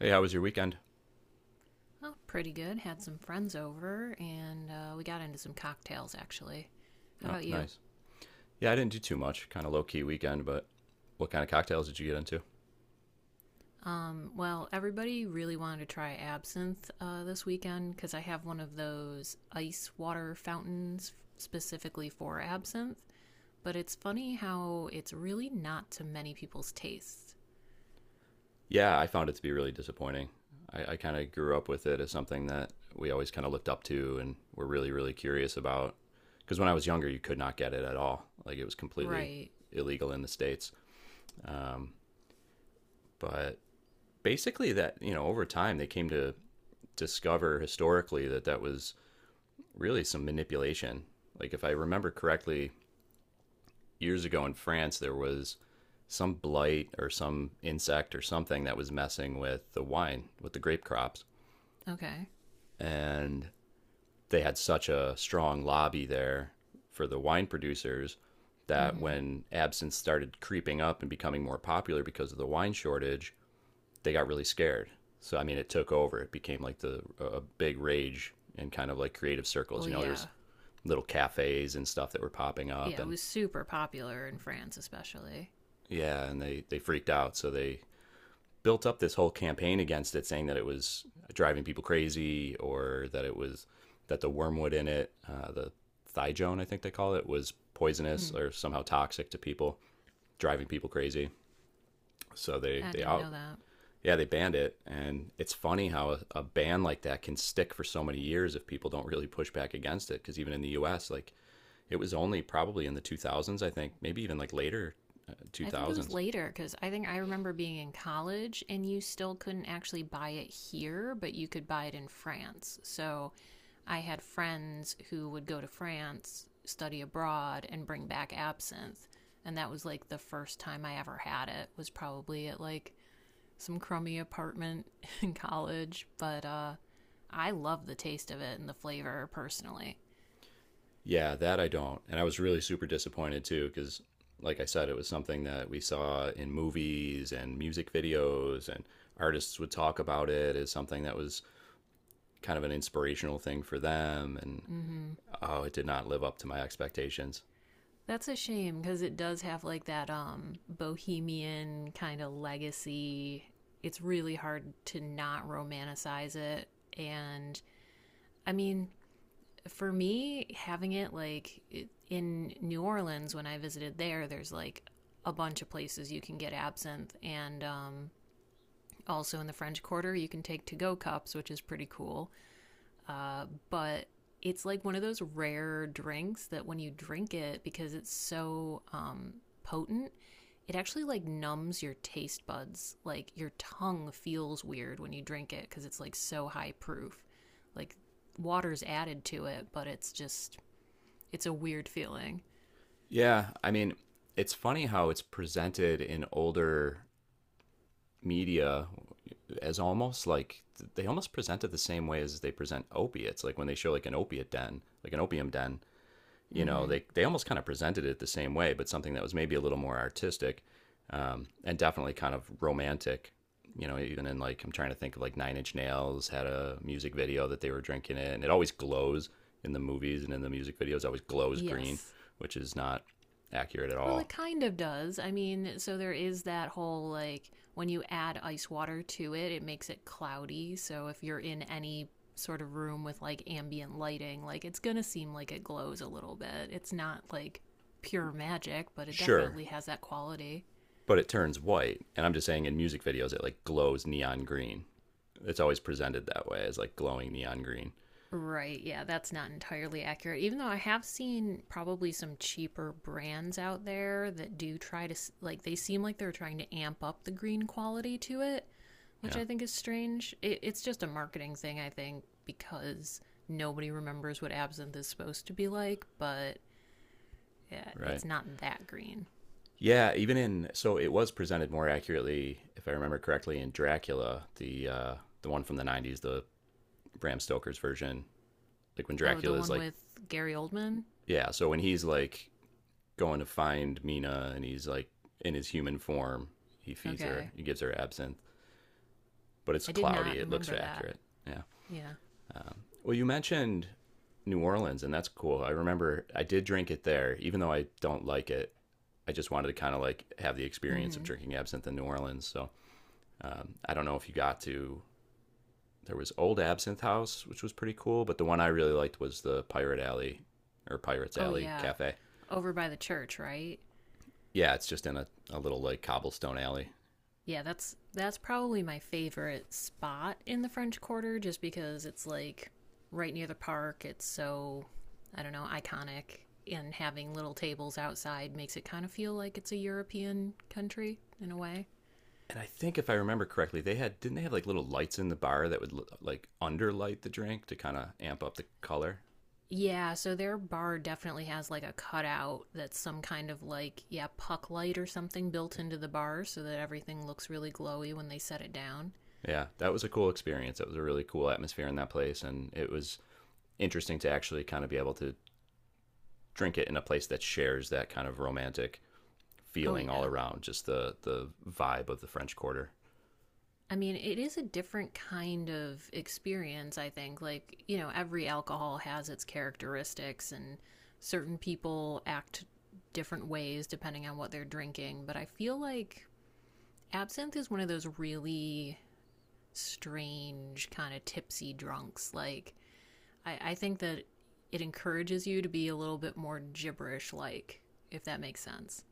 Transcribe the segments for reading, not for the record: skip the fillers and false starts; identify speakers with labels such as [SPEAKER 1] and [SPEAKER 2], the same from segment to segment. [SPEAKER 1] Hey, how was your weekend?
[SPEAKER 2] Well, pretty good. Had some friends over, and we got into some cocktails actually. How
[SPEAKER 1] Oh,
[SPEAKER 2] about you?
[SPEAKER 1] nice. Yeah, I didn't do too much. Kind of low key weekend, but what kind of cocktails did you get into?
[SPEAKER 2] Well, everybody really wanted to try absinthe this weekend because I have one of those ice water fountains specifically for absinthe. But it's funny how it's really not to many people's tastes.
[SPEAKER 1] Yeah, I found it to be really disappointing. I kind of grew up with it as something that we always kind of looked up to and were really, really curious about. Because when I was younger, you could not get it at all. Like it was completely
[SPEAKER 2] Right.
[SPEAKER 1] illegal in the States. Um, but basically, that, over time, they came to discover historically that that was really some manipulation. Like if I remember correctly, years ago in France, there was some blight or some insect or something that was messing with the wine, with the grape crops.
[SPEAKER 2] Okay.
[SPEAKER 1] And they had such a strong lobby there for the wine producers
[SPEAKER 2] Mm
[SPEAKER 1] that
[SPEAKER 2] hmm.
[SPEAKER 1] when absinthe started creeping up and becoming more popular because of the wine shortage, they got really scared. So, I mean, it took over. It became like the a big rage in kind of like creative circles.
[SPEAKER 2] Well,
[SPEAKER 1] You know, there's
[SPEAKER 2] yeah.
[SPEAKER 1] little cafes and stuff that were popping up
[SPEAKER 2] Yeah, it
[SPEAKER 1] and
[SPEAKER 2] was super popular in France, especially.
[SPEAKER 1] yeah, and they freaked out. So they built up this whole campaign against it, saying that it was driving people crazy or that it was that the wormwood in it, the thijone, I think they call it, was poisonous
[SPEAKER 2] Hmm.
[SPEAKER 1] or somehow toxic to people, driving people crazy. So they
[SPEAKER 2] I
[SPEAKER 1] they
[SPEAKER 2] didn't know
[SPEAKER 1] out
[SPEAKER 2] that.
[SPEAKER 1] yeah they banned it, and it's funny how a ban like that can stick for so many years if people don't really push back against it. Because even in the U.S., like it was only probably in the 2000s, I think, maybe even like later
[SPEAKER 2] I think it was
[SPEAKER 1] 2000s.
[SPEAKER 2] later because I think I remember being in college and you still couldn't actually buy it here, but you could buy it in France. So I had friends who would go to France, study abroad, and bring back absinthe. And that was like the first time I ever had it, was probably at like some crummy apartment in college. But I love the taste of it and the flavor personally.
[SPEAKER 1] Yeah, that I don't. And I was really super disappointed too, because, like I said, it was something that we saw in movies and music videos, and artists would talk about it as something that was kind of an inspirational thing for them. And
[SPEAKER 2] Mm hmm.
[SPEAKER 1] oh, it did not live up to my expectations.
[SPEAKER 2] That's a shame because it does have like that bohemian kind of legacy. It's really hard to not romanticize it, and I mean, for me, having it like in New Orleans when I visited there, there's like a bunch of places you can get absinthe, and also in the French Quarter you can take to go cups, which is pretty cool. uh, but it's like one of those rare drinks that when you drink it, because it's so potent, it actually like numbs your taste buds. Like your tongue feels weird when you drink it because it's like so high proof. Like water's added to it, but it's just, it's a weird feeling.
[SPEAKER 1] Yeah, I mean, it's funny how it's presented in older media as almost like they almost present it the same way as they present opiates, like when they show like an opiate den, like an opium den. You
[SPEAKER 2] Mm
[SPEAKER 1] know,
[SPEAKER 2] hmm.
[SPEAKER 1] they almost kind of presented it the same way, but something that was maybe a little more artistic, and definitely kind of romantic. You know, even in like I'm trying to think of like Nine Inch Nails had a music video that they were drinking in. It always glows in the movies and in the music videos. Always glows green,
[SPEAKER 2] Yes.
[SPEAKER 1] which is not accurate at
[SPEAKER 2] Well,
[SPEAKER 1] all.
[SPEAKER 2] it kind of does. I mean, so there is that whole like when you add ice water to it, it makes it cloudy. So if you're in any sort of room with like ambient lighting, like it's going to seem like it glows a little bit. It's not like pure magic, but it
[SPEAKER 1] Sure,
[SPEAKER 2] definitely has that quality.
[SPEAKER 1] but it turns white, and I'm just saying in music videos it like glows neon green. It's always presented that way as like glowing neon green.
[SPEAKER 2] Right, yeah, that's not entirely accurate. Even though I have seen probably some cheaper brands out there that do try to, like, they seem like they're trying to amp up the green quality to it, which
[SPEAKER 1] Yeah,
[SPEAKER 2] I think is strange. It's just a marketing thing, I think, because nobody remembers what absinthe is supposed to be like, but yeah,
[SPEAKER 1] right.
[SPEAKER 2] it's not that green.
[SPEAKER 1] Yeah, even in so it was presented more accurately, if I remember correctly, in Dracula, the one from the 90s, the Bram Stoker's version. Like when
[SPEAKER 2] Oh, the
[SPEAKER 1] Dracula is
[SPEAKER 2] one
[SPEAKER 1] like
[SPEAKER 2] with Gary Oldman?
[SPEAKER 1] yeah, so when he's like going to find Mina and he's like in his human form, he feeds her,
[SPEAKER 2] Okay.
[SPEAKER 1] he gives her absinthe, but it's
[SPEAKER 2] I did
[SPEAKER 1] cloudy,
[SPEAKER 2] not
[SPEAKER 1] it looks
[SPEAKER 2] remember that.
[SPEAKER 1] accurate. Yeah.
[SPEAKER 2] Yeah.
[SPEAKER 1] Um, well, you mentioned New Orleans, and that's cool. I remember I did drink it there, even though I don't like it. I just wanted to kind of like have the
[SPEAKER 2] Mm
[SPEAKER 1] experience of
[SPEAKER 2] hmm.
[SPEAKER 1] drinking absinthe in New Orleans. So I don't know if you got to. There was Old Absinthe House, which was pretty cool, but the one I really liked was the Pirate Alley or Pirates
[SPEAKER 2] Oh,
[SPEAKER 1] Alley
[SPEAKER 2] yeah.
[SPEAKER 1] Cafe.
[SPEAKER 2] Over by the church, right?
[SPEAKER 1] Yeah, it's just in a little like cobblestone alley.
[SPEAKER 2] Yeah, that's probably my favorite spot in the French Quarter just because it's like right near the park. It's so, I don't know, iconic, and having little tables outside makes it kind of feel like it's a European country in a way.
[SPEAKER 1] And I think if I remember correctly, they had didn't they have like little lights in the bar that would like underlight the drink to kind of amp up the color.
[SPEAKER 2] Yeah, so their bar definitely has like a cutout that's some kind of like, yeah, puck light or something built into the bar so that everything looks really glowy when they set it down.
[SPEAKER 1] Yeah, that was a cool experience. That was a really cool atmosphere in that place, and it was interesting to actually kind of be able to drink it in a place that shares that kind of romantic
[SPEAKER 2] Oh,
[SPEAKER 1] feeling all
[SPEAKER 2] yeah.
[SPEAKER 1] around, just the vibe of the French Quarter.
[SPEAKER 2] I mean, it is a different kind of experience, I think. Like, you know, every alcohol has its characteristics, and certain people act different ways depending on what they're drinking. But I feel like absinthe is one of those really strange, kind of tipsy drunks. Like, I think that it encourages you to be a little bit more gibberish like, if that makes sense.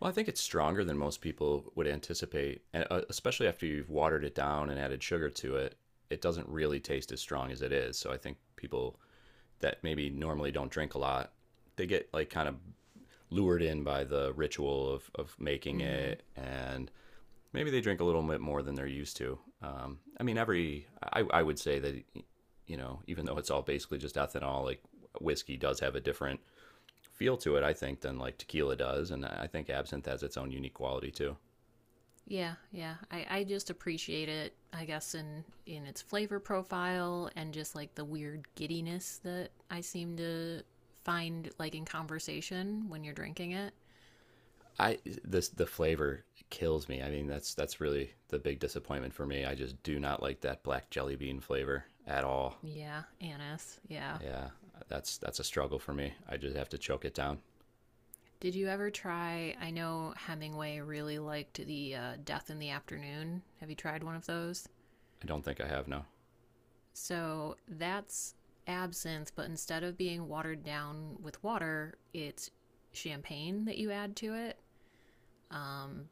[SPEAKER 1] Well, I think it's stronger than most people would anticipate, and especially after you've watered it down and added sugar to it, it doesn't really taste as strong as it is. So I think people that maybe normally don't drink a lot, they get like kind of lured in by the ritual of making
[SPEAKER 2] Mm hmm.
[SPEAKER 1] it and maybe they drink a little bit more than they're used to. I mean every I would say that you know even though it's all basically just ethanol, like whiskey does have a different feel to it, I think, than like tequila does, and I think absinthe has its own unique quality too.
[SPEAKER 2] Yeah, yeah. I just appreciate it, I guess, in its flavor profile and just like the weird giddiness that I seem to find like in conversation when you're drinking it.
[SPEAKER 1] I this the flavor kills me. I mean, that's really the big disappointment for me. I just do not like that black jelly bean flavor at all.
[SPEAKER 2] Yeah, anise. Yeah.
[SPEAKER 1] Yeah, that's a struggle for me. I just have to choke it down.
[SPEAKER 2] Did you ever try? I know Hemingway really liked the Death in the Afternoon. Have you tried one of those?
[SPEAKER 1] I don't think I have, no.
[SPEAKER 2] So that's absinthe, but instead of being watered down with water, it's champagne that you add to it. Um,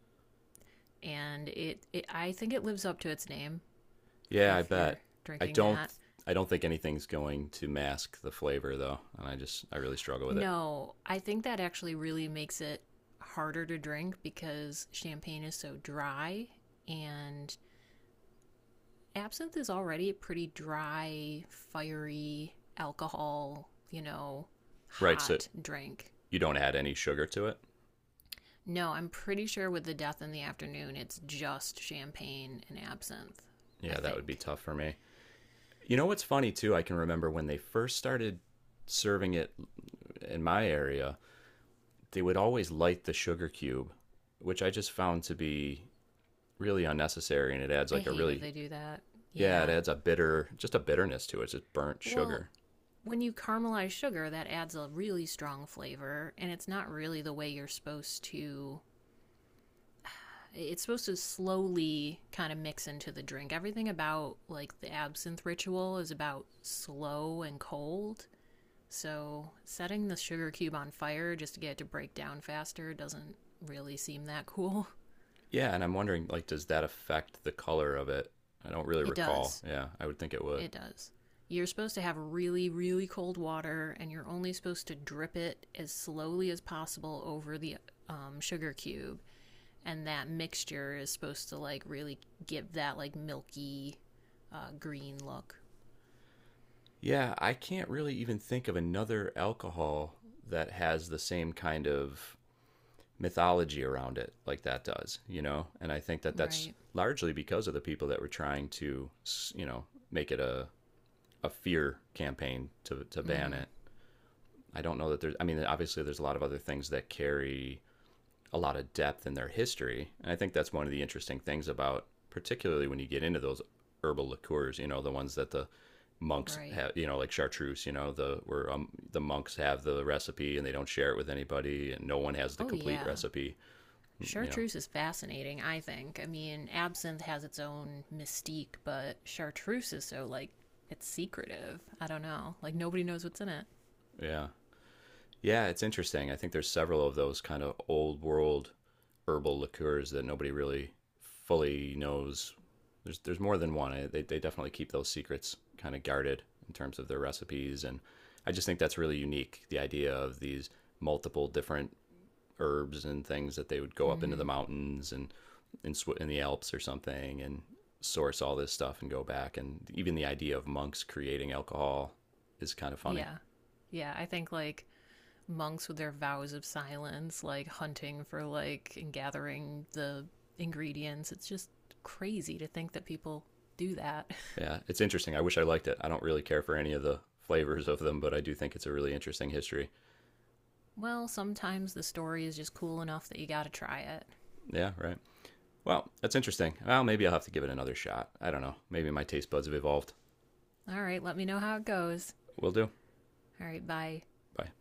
[SPEAKER 2] and it, I think it lives up to its name
[SPEAKER 1] Yeah, I
[SPEAKER 2] if you're
[SPEAKER 1] bet. I
[SPEAKER 2] drinking
[SPEAKER 1] don't
[SPEAKER 2] that.
[SPEAKER 1] I don't think anything's going to mask the flavor though, and I just I really struggle with it.
[SPEAKER 2] No, I think that actually really makes it harder to drink because champagne is so dry and absinthe is already a pretty dry, fiery alcohol, you know,
[SPEAKER 1] Right, so
[SPEAKER 2] hot drink.
[SPEAKER 1] you don't add any sugar to it?
[SPEAKER 2] No, I'm pretty sure with the Death in the Afternoon, it's just champagne and absinthe, I
[SPEAKER 1] Yeah, that would be
[SPEAKER 2] think.
[SPEAKER 1] tough for me. You know what's funny too? I can remember when they first started serving it in my area, they would always light the sugar cube, which I just found to be really unnecessary, and it adds
[SPEAKER 2] I
[SPEAKER 1] like a
[SPEAKER 2] hate that
[SPEAKER 1] really
[SPEAKER 2] they do that.
[SPEAKER 1] yeah, it
[SPEAKER 2] Yeah.
[SPEAKER 1] adds a bitter, just a bitterness to it. It's just burnt
[SPEAKER 2] Well,
[SPEAKER 1] sugar.
[SPEAKER 2] when you caramelize sugar, that adds a really strong flavor, and it's not really the way you're supposed to. It's supposed to slowly kind of mix into the drink. Everything about like the absinthe ritual is about slow and cold. So setting the sugar cube on fire just to get it to break down faster doesn't really seem that cool.
[SPEAKER 1] Yeah, and I'm wondering like, does that affect the color of it? I don't really
[SPEAKER 2] It
[SPEAKER 1] recall.
[SPEAKER 2] does.
[SPEAKER 1] Yeah, I would think it would.
[SPEAKER 2] It does. You're supposed to have really, really cold water, and you're only supposed to drip it as slowly as possible over the sugar cube. And that mixture is supposed to like really give that like milky green look.
[SPEAKER 1] Yeah, I can't really even think of another alcohol that has the same kind of mythology around it like that does, you know? And I think that that's
[SPEAKER 2] Right.
[SPEAKER 1] largely because of the people that were trying to, you know, make it a fear campaign to
[SPEAKER 2] Mm
[SPEAKER 1] ban
[SPEAKER 2] hmm.
[SPEAKER 1] it. I don't know that there's, I mean, obviously there's a lot of other things that carry a lot of depth in their history. And I think that's one of the interesting things about, particularly when you get into those herbal liqueurs, you know, the ones that the monks
[SPEAKER 2] Right.
[SPEAKER 1] have, you know, like chartreuse, you know, the, where the monks have the recipe and they don't share it with anybody and no one has the
[SPEAKER 2] Oh,
[SPEAKER 1] complete
[SPEAKER 2] yeah.
[SPEAKER 1] recipe. You know,
[SPEAKER 2] Chartreuse is fascinating, I think. I mean, absinthe has its own mystique, but chartreuse is so like, it's secretive. I don't know. Like, nobody knows what's in it.
[SPEAKER 1] yeah. Yeah, it's interesting. I think there's several of those kind of old world herbal liqueurs that nobody really fully knows. There's more than one. I- They definitely keep those secrets kind of guarded in terms of their recipes, and I just think that's really unique, the idea of these multiple different herbs and things that they would go up
[SPEAKER 2] Mm
[SPEAKER 1] into the
[SPEAKER 2] hmm.
[SPEAKER 1] mountains and in Swi- in the Alps or something and source all this stuff and go back and even the idea of monks creating alcohol is kind of funny.
[SPEAKER 2] Yeah. Yeah, I think like monks with their vows of silence, like hunting for like and gathering the ingredients. It's just crazy to think that people do that.
[SPEAKER 1] Yeah, it's interesting. I wish I liked it. I don't really care for any of the flavors of them, but I do think it's a really interesting history.
[SPEAKER 2] Well, sometimes the story is just cool enough that you gotta try it.
[SPEAKER 1] Yeah, right. Well, that's interesting. Well, maybe I'll have to give it another shot. I don't know. Maybe my taste buds have evolved.
[SPEAKER 2] All right, let me know how it goes.
[SPEAKER 1] Will do.
[SPEAKER 2] All right, bye.
[SPEAKER 1] Bye.